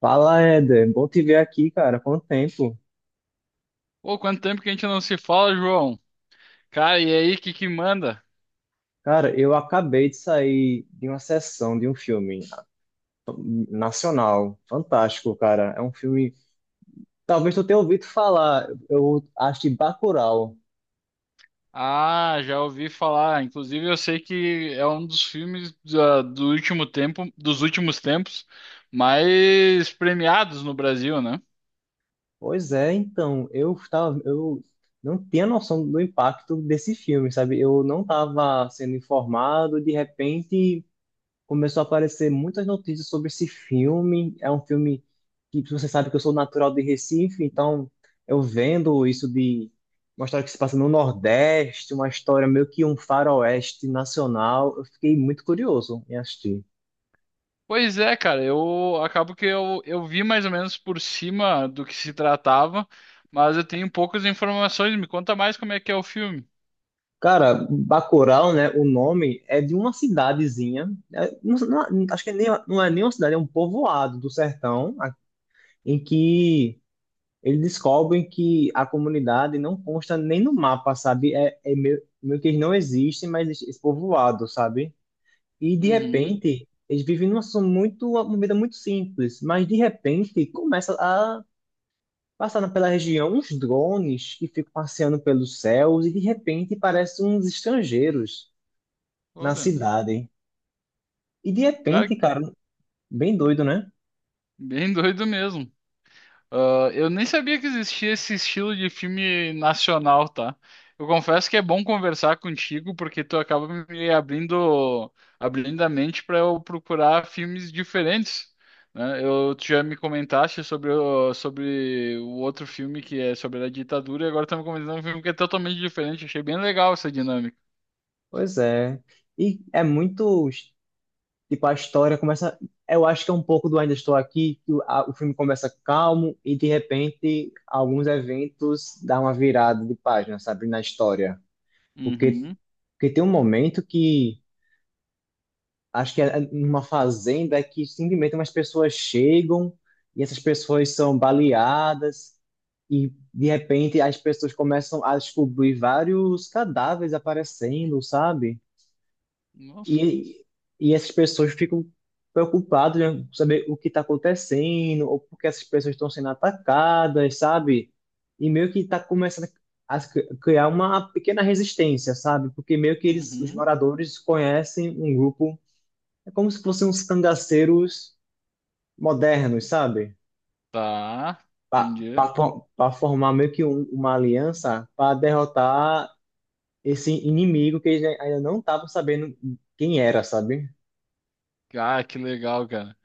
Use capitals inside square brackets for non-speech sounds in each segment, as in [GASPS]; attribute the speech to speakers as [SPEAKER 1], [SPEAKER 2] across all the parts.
[SPEAKER 1] Fala, Éder. Bom te ver aqui, cara. Quanto tempo?
[SPEAKER 2] Pô, quanto tempo que a gente não se fala, João? Cara, e aí, que manda?
[SPEAKER 1] Cara, eu acabei de sair de uma sessão de um filme nacional. Fantástico, cara. É um filme. Talvez tu tenha ouvido falar. Eu acho, de Bacurau.
[SPEAKER 2] Ah, já ouvi falar. Inclusive, eu sei que é um dos filmes dos últimos tempos, mais premiados no Brasil, né?
[SPEAKER 1] Pois é, então. Eu não tinha noção do impacto desse filme, sabe? Eu não estava sendo informado. De repente, começou a aparecer muitas notícias sobre esse filme. É um filme que, você sabe que eu sou natural de Recife, então eu vendo isso de uma história que se passa no Nordeste, uma história meio que um faroeste nacional, eu fiquei muito curioso em assistir.
[SPEAKER 2] Pois é, cara, eu acabo que eu vi mais ou menos por cima do que se tratava, mas eu tenho poucas informações. Me conta mais como é que é o filme.
[SPEAKER 1] Cara, Bacurau, né? O nome é de uma cidadezinha. É, acho que é nem, não é nem uma cidade, é um povoado do sertão, em que eles descobrem que a comunidade não consta nem no mapa, sabe? É meio que eles não existem, mas existe esse povoado, sabe? E de
[SPEAKER 2] Uhum.
[SPEAKER 1] repente, eles vivem numa situação muito, uma vida muito simples, mas de repente começa a passar pela região uns drones que ficam passeando pelos céus e de repente parecem uns estrangeiros na
[SPEAKER 2] Olha,
[SPEAKER 1] cidade. E de
[SPEAKER 2] cara,
[SPEAKER 1] repente, cara, bem doido, né?
[SPEAKER 2] bem [LAUGHS] doido mesmo. Ah, eu nem sabia que existia esse estilo de filme nacional, tá? Eu confesso que é bom conversar contigo porque tu acaba me abrindo, abrindo a mente para eu procurar filmes diferentes, né? Eu tu já me comentaste sobre o outro filme que é sobre a ditadura e agora estamos comentando um filme que é totalmente diferente. Achei bem legal essa dinâmica.
[SPEAKER 1] Pois é. E é muito Tipo, a história começa. Eu acho que é um pouco do Ainda Estou Aqui, que o filme começa calmo e de repente alguns eventos dão uma virada de página, sabe, na história. Porque,
[SPEAKER 2] Uhum.
[SPEAKER 1] porque tem um momento que acho que é numa fazenda que simplesmente umas pessoas chegam e essas pessoas são baleadas e de repente as pessoas começam a descobrir vários cadáveres aparecendo, sabe?
[SPEAKER 2] Nossa.
[SPEAKER 1] E, e essas pessoas ficam preocupadas, né, com saber o que está acontecendo, ou porque essas pessoas estão sendo atacadas, sabe? E meio que está começando a criar uma pequena resistência, sabe? Porque meio que eles, os
[SPEAKER 2] Uhum.
[SPEAKER 1] moradores, conhecem um grupo, é como se fossem uns cangaceiros modernos, sabe?
[SPEAKER 2] Tá. Entendi.
[SPEAKER 1] Para formar meio que uma aliança para derrotar esse inimigo que eles ainda não estavam sabendo quem era, sabe?
[SPEAKER 2] Ah, que legal, cara.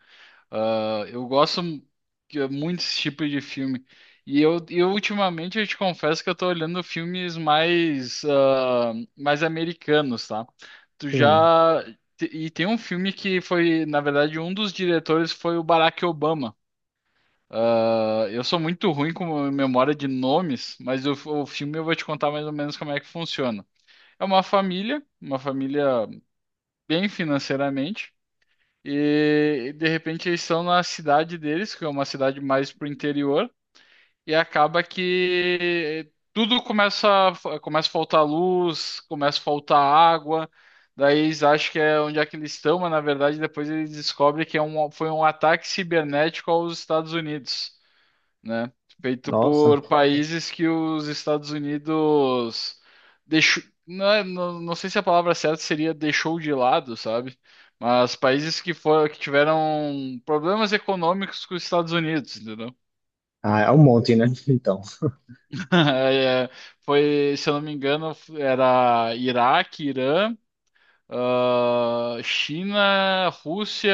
[SPEAKER 2] Ah, eu gosto mu- que é muito desse tipo de filme. E eu ultimamente eu te confesso que eu tô olhando filmes mais, ah, mais americanos, tá? Tu
[SPEAKER 1] Sim,
[SPEAKER 2] já. E tem um filme que foi, na verdade, um dos diretores foi o Barack Obama. Ah, eu sou muito ruim com memória de nomes, mas o filme eu vou te contar mais ou menos como é que funciona. É uma família bem financeiramente. E de repente eles estão na cidade deles, que é uma cidade mais pro interior, e acaba que tudo começa a faltar luz, começa a faltar água, daí eles acham que é onde é que eles estão, mas na verdade depois eles descobrem que foi um ataque cibernético aos Estados Unidos, né? Feito
[SPEAKER 1] nossa.
[SPEAKER 2] por países que os Estados Unidos deixou, não, não sei se a palavra certa seria deixou de lado, sabe? Mas países que foram, que tiveram problemas econômicos com os Estados Unidos, entendeu?
[SPEAKER 1] Ah, é um monte, né? [LAUGHS] Então.
[SPEAKER 2] [LAUGHS] É, foi, se eu não me engano, era Iraque, Irã, ah, China, Rússia.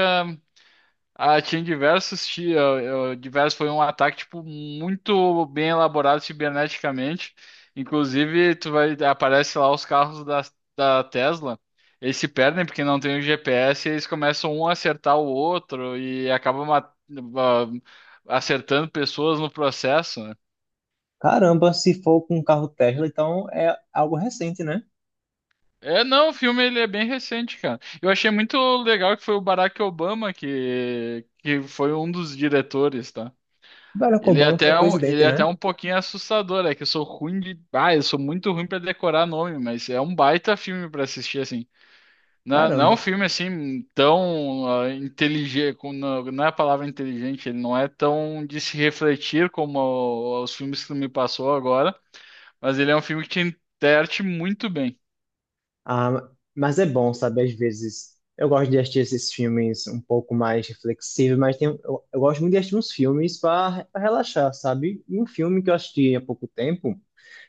[SPEAKER 2] Ah, tinha diversos, diversos, foi um ataque, tipo, muito bem elaborado ciberneticamente. Inclusive, tu vai, aparece lá os carros da Tesla, eles se perdem porque não tem o GPS, e eles começam um a acertar o outro e acabam ah, acertando pessoas no processo, né?
[SPEAKER 1] Caramba, se for com um carro Tesla, então é algo recente, né?
[SPEAKER 2] É, não, o filme ele é bem recente, cara. Eu achei muito legal que foi o Barack Obama que foi um dos diretores, tá?
[SPEAKER 1] Barack Obama foi o
[SPEAKER 2] Ele
[SPEAKER 1] presidente,
[SPEAKER 2] é até
[SPEAKER 1] né?
[SPEAKER 2] um pouquinho assustador, é que eu sou ruim de. Ah, eu sou muito ruim pra decorar nome, mas é um baita filme pra assistir, assim. Não, é, não é um
[SPEAKER 1] Caramba.
[SPEAKER 2] filme assim tão inteligente, não, não é a palavra inteligente, ele não é tão de se refletir como os filmes que tu me passou agora, mas ele é um filme que te enterte muito bem.
[SPEAKER 1] Ah, mas é bom, sabe? Às vezes eu gosto de assistir esses filmes um pouco mais reflexivos, mas tem, eu, gosto muito de assistir uns filmes para relaxar, sabe? E um filme que eu assisti há pouco tempo,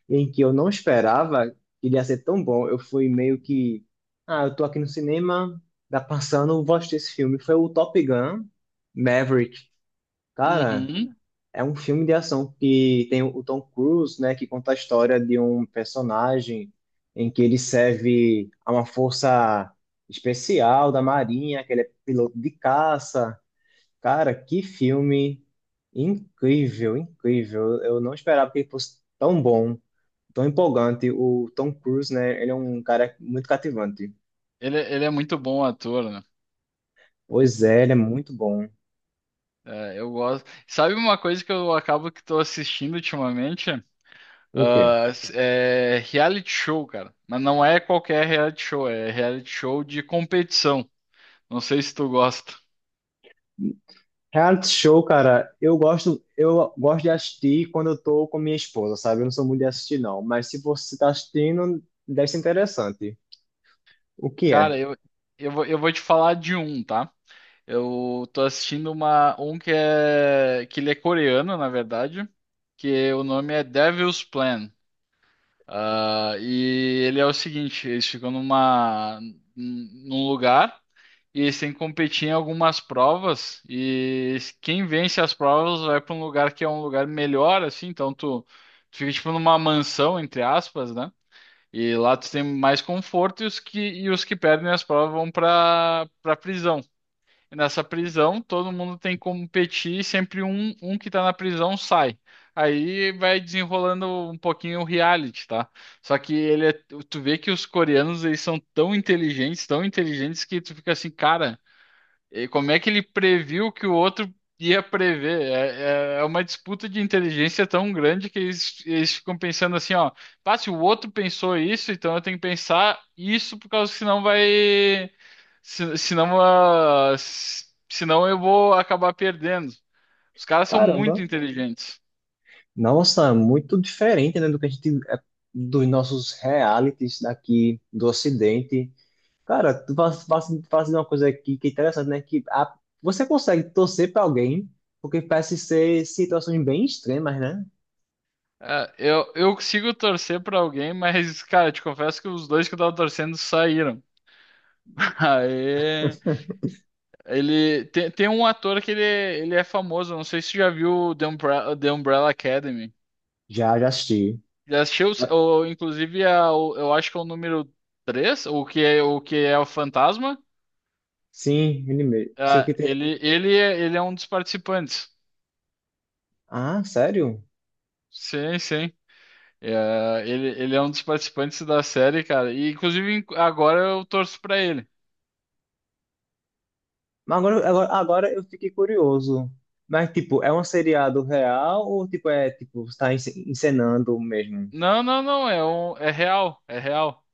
[SPEAKER 1] em que eu não esperava que ele ia ser tão bom, eu fui meio que. Ah, eu tô aqui no cinema, tá passando, eu vou assistir esse filme. Foi o Top Gun Maverick. Cara.
[SPEAKER 2] Uhum.
[SPEAKER 1] É um filme de ação que tem o Tom Cruise, né, que conta a história de um personagem em que ele serve a uma força especial da Marinha, que ele é piloto de caça. Cara, que filme incrível, incrível. Eu não esperava que ele fosse tão bom, tão empolgante. O Tom Cruise, né, ele é um cara muito cativante.
[SPEAKER 2] Ele é muito bom ator, né?
[SPEAKER 1] Pois é, ele é muito bom.
[SPEAKER 2] É, eu gosto. Sabe uma coisa que eu acabo que estou assistindo ultimamente?
[SPEAKER 1] O quê?
[SPEAKER 2] Ah, é reality show, cara. Mas não é qualquer reality show, é reality show de competição. Não sei se tu gosta.
[SPEAKER 1] Reality show, cara, eu gosto de assistir quando eu tô com minha esposa, sabe? Eu não sou muito de assistir, não. Mas se você tá assistindo, deve ser interessante. O que
[SPEAKER 2] Cara,
[SPEAKER 1] é?
[SPEAKER 2] eu vou te falar de um, tá? Eu tô assistindo um que é, que ele é coreano, na verdade, que o nome é Devil's Plan. Ah, e ele é o seguinte, eles ficam num lugar e eles têm que competir em algumas provas e quem vence as provas vai para um lugar que é um lugar melhor, assim, então tu fica tipo numa mansão, entre aspas, né? E lá tu tem mais conforto e os que perdem as provas vão para prisão. E nessa prisão, todo mundo tem que competir, e sempre um que tá na prisão sai. Aí vai desenrolando um pouquinho o reality, tá? Só que ele é, tu vê que os coreanos, eles são tão inteligentes que tu fica assim, cara, e como é que ele previu que o outro ia prever? É uma disputa de inteligência tão grande que eles ficam pensando assim, ó, pá, se o outro pensou isso, então eu tenho que pensar isso por causa que senão vai, se, senão, ah, se- senão eu vou acabar perdendo. Os caras são muito
[SPEAKER 1] Caramba!
[SPEAKER 2] inteligentes.
[SPEAKER 1] Nossa, é muito diferente, né, do que a gente, é, dos nossos realities daqui do Ocidente. Cara, tu faz, faz, faz uma coisa aqui que é interessante, né? Que você consegue torcer pra alguém, porque parece ser situações bem extremas, né?
[SPEAKER 2] É, eu consigo torcer pra alguém, mas, cara, te confesso que os dois que eu tava torcendo saíram. [LAUGHS] Aê. Ele tem um ator que ele é famoso, não sei se você já viu The Umbrella Academy.
[SPEAKER 1] Já, já assisti.
[SPEAKER 2] Já assistiu, ou, inclusive, eu acho que é o número 3 o que é o que é o Fantasma.
[SPEAKER 1] Sim, ele mesmo. Se o
[SPEAKER 2] Ah,
[SPEAKER 1] que tem.
[SPEAKER 2] ele é um dos participantes.
[SPEAKER 1] Ah, sério?
[SPEAKER 2] Sim, sim. É, ele é um dos participantes da série, cara. E, inclusive, agora eu torço pra ele.
[SPEAKER 1] Mas agora, agora, agora eu fiquei curioso. Mas, tipo, é um seriado real ou, tipo, é, tipo, está encenando mesmo?
[SPEAKER 2] Não, não, não, é real, é real.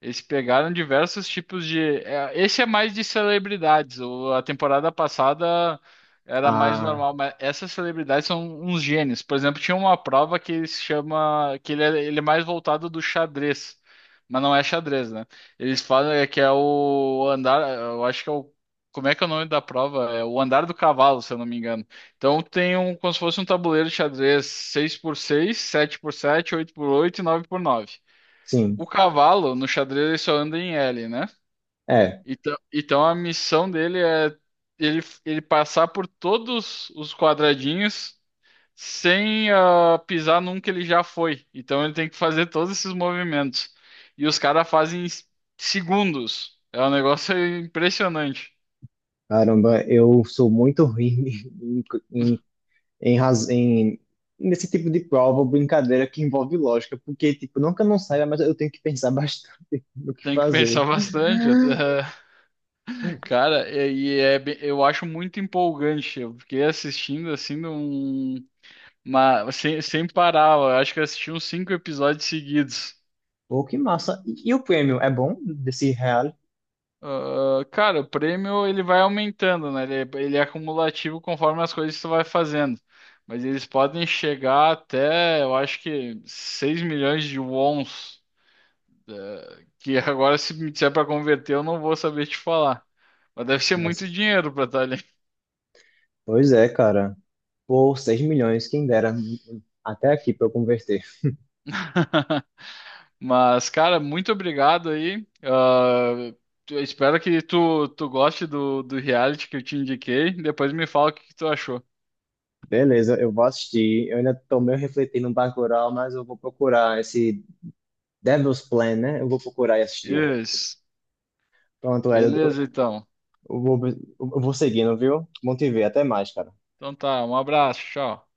[SPEAKER 2] Eles pegaram diversos tipos de. Esse é mais de celebridades. A temporada passada era mais
[SPEAKER 1] Ah,
[SPEAKER 2] normal, mas essas celebridades são uns gênios. Por exemplo, tinha uma prova que se chama. Que ele é mais voltado do xadrez. Mas não é xadrez, né? Eles falam é que é o andar. Eu acho que é o. Como é que é o nome da prova? É o andar do cavalo, se eu não me engano. Então tem um, como se fosse um tabuleiro de xadrez seis por seis, sete por sete, oito por oito, e 9x9. O
[SPEAKER 1] sim.
[SPEAKER 2] cavalo, no xadrez, ele só anda em L, né?
[SPEAKER 1] É.
[SPEAKER 2] Então a missão dele é ele passar por todos os quadradinhos sem ah, pisar num que ele já foi. Então ele tem que fazer todos esses movimentos. E os caras fazem em segundos. É um negócio impressionante.
[SPEAKER 1] Caramba, eu sou muito ruim [LAUGHS] em, em, em, raz- em- nesse tipo de prova ou brincadeira que envolve lógica, porque, tipo, nunca não sai, mas eu tenho que pensar bastante [LAUGHS] no que
[SPEAKER 2] Tem que
[SPEAKER 1] fazer.
[SPEAKER 2] pensar
[SPEAKER 1] [GASPS]
[SPEAKER 2] bastante. Até- [LAUGHS] Cara, e é, bem- eu acho muito empolgante. Eu fiquei assistindo assim num. Mas sem parar, eu acho que eu assisti uns cinco episódios seguidos.
[SPEAKER 1] Pô, que massa. E o prêmio é bom desse real?
[SPEAKER 2] Ah, cara, o prêmio ele vai aumentando, né? Ele é acumulativo conforme as coisas que tu vai fazendo. Mas eles podem chegar até, eu acho que 6 milhões de wons. Que [LAUGHS] agora, se me disser para converter, eu não vou saber te falar. Mas deve ser
[SPEAKER 1] Mas,
[SPEAKER 2] muito dinheiro para estar ali.
[SPEAKER 1] pois é, cara, por 6 milhões, quem dera. Até aqui pra eu converter.
[SPEAKER 2] [LAUGHS] Mas, cara, muito obrigado aí. Ah, eu espero que tu goste do reality que eu te indiquei. Depois me fala o que que tu achou.
[SPEAKER 1] Beleza, eu vou assistir. Eu ainda tô meio refletindo no Bacurau, mas eu vou procurar esse Devil's Plan, né? Eu vou procurar e assistir.
[SPEAKER 2] Isso.
[SPEAKER 1] Pronto, Ed, eu
[SPEAKER 2] Beleza, então.
[SPEAKER 1] eu vou, eu vou seguindo, viu? Bom te ver. Até mais, cara.
[SPEAKER 2] Então tá, um abraço, tchau.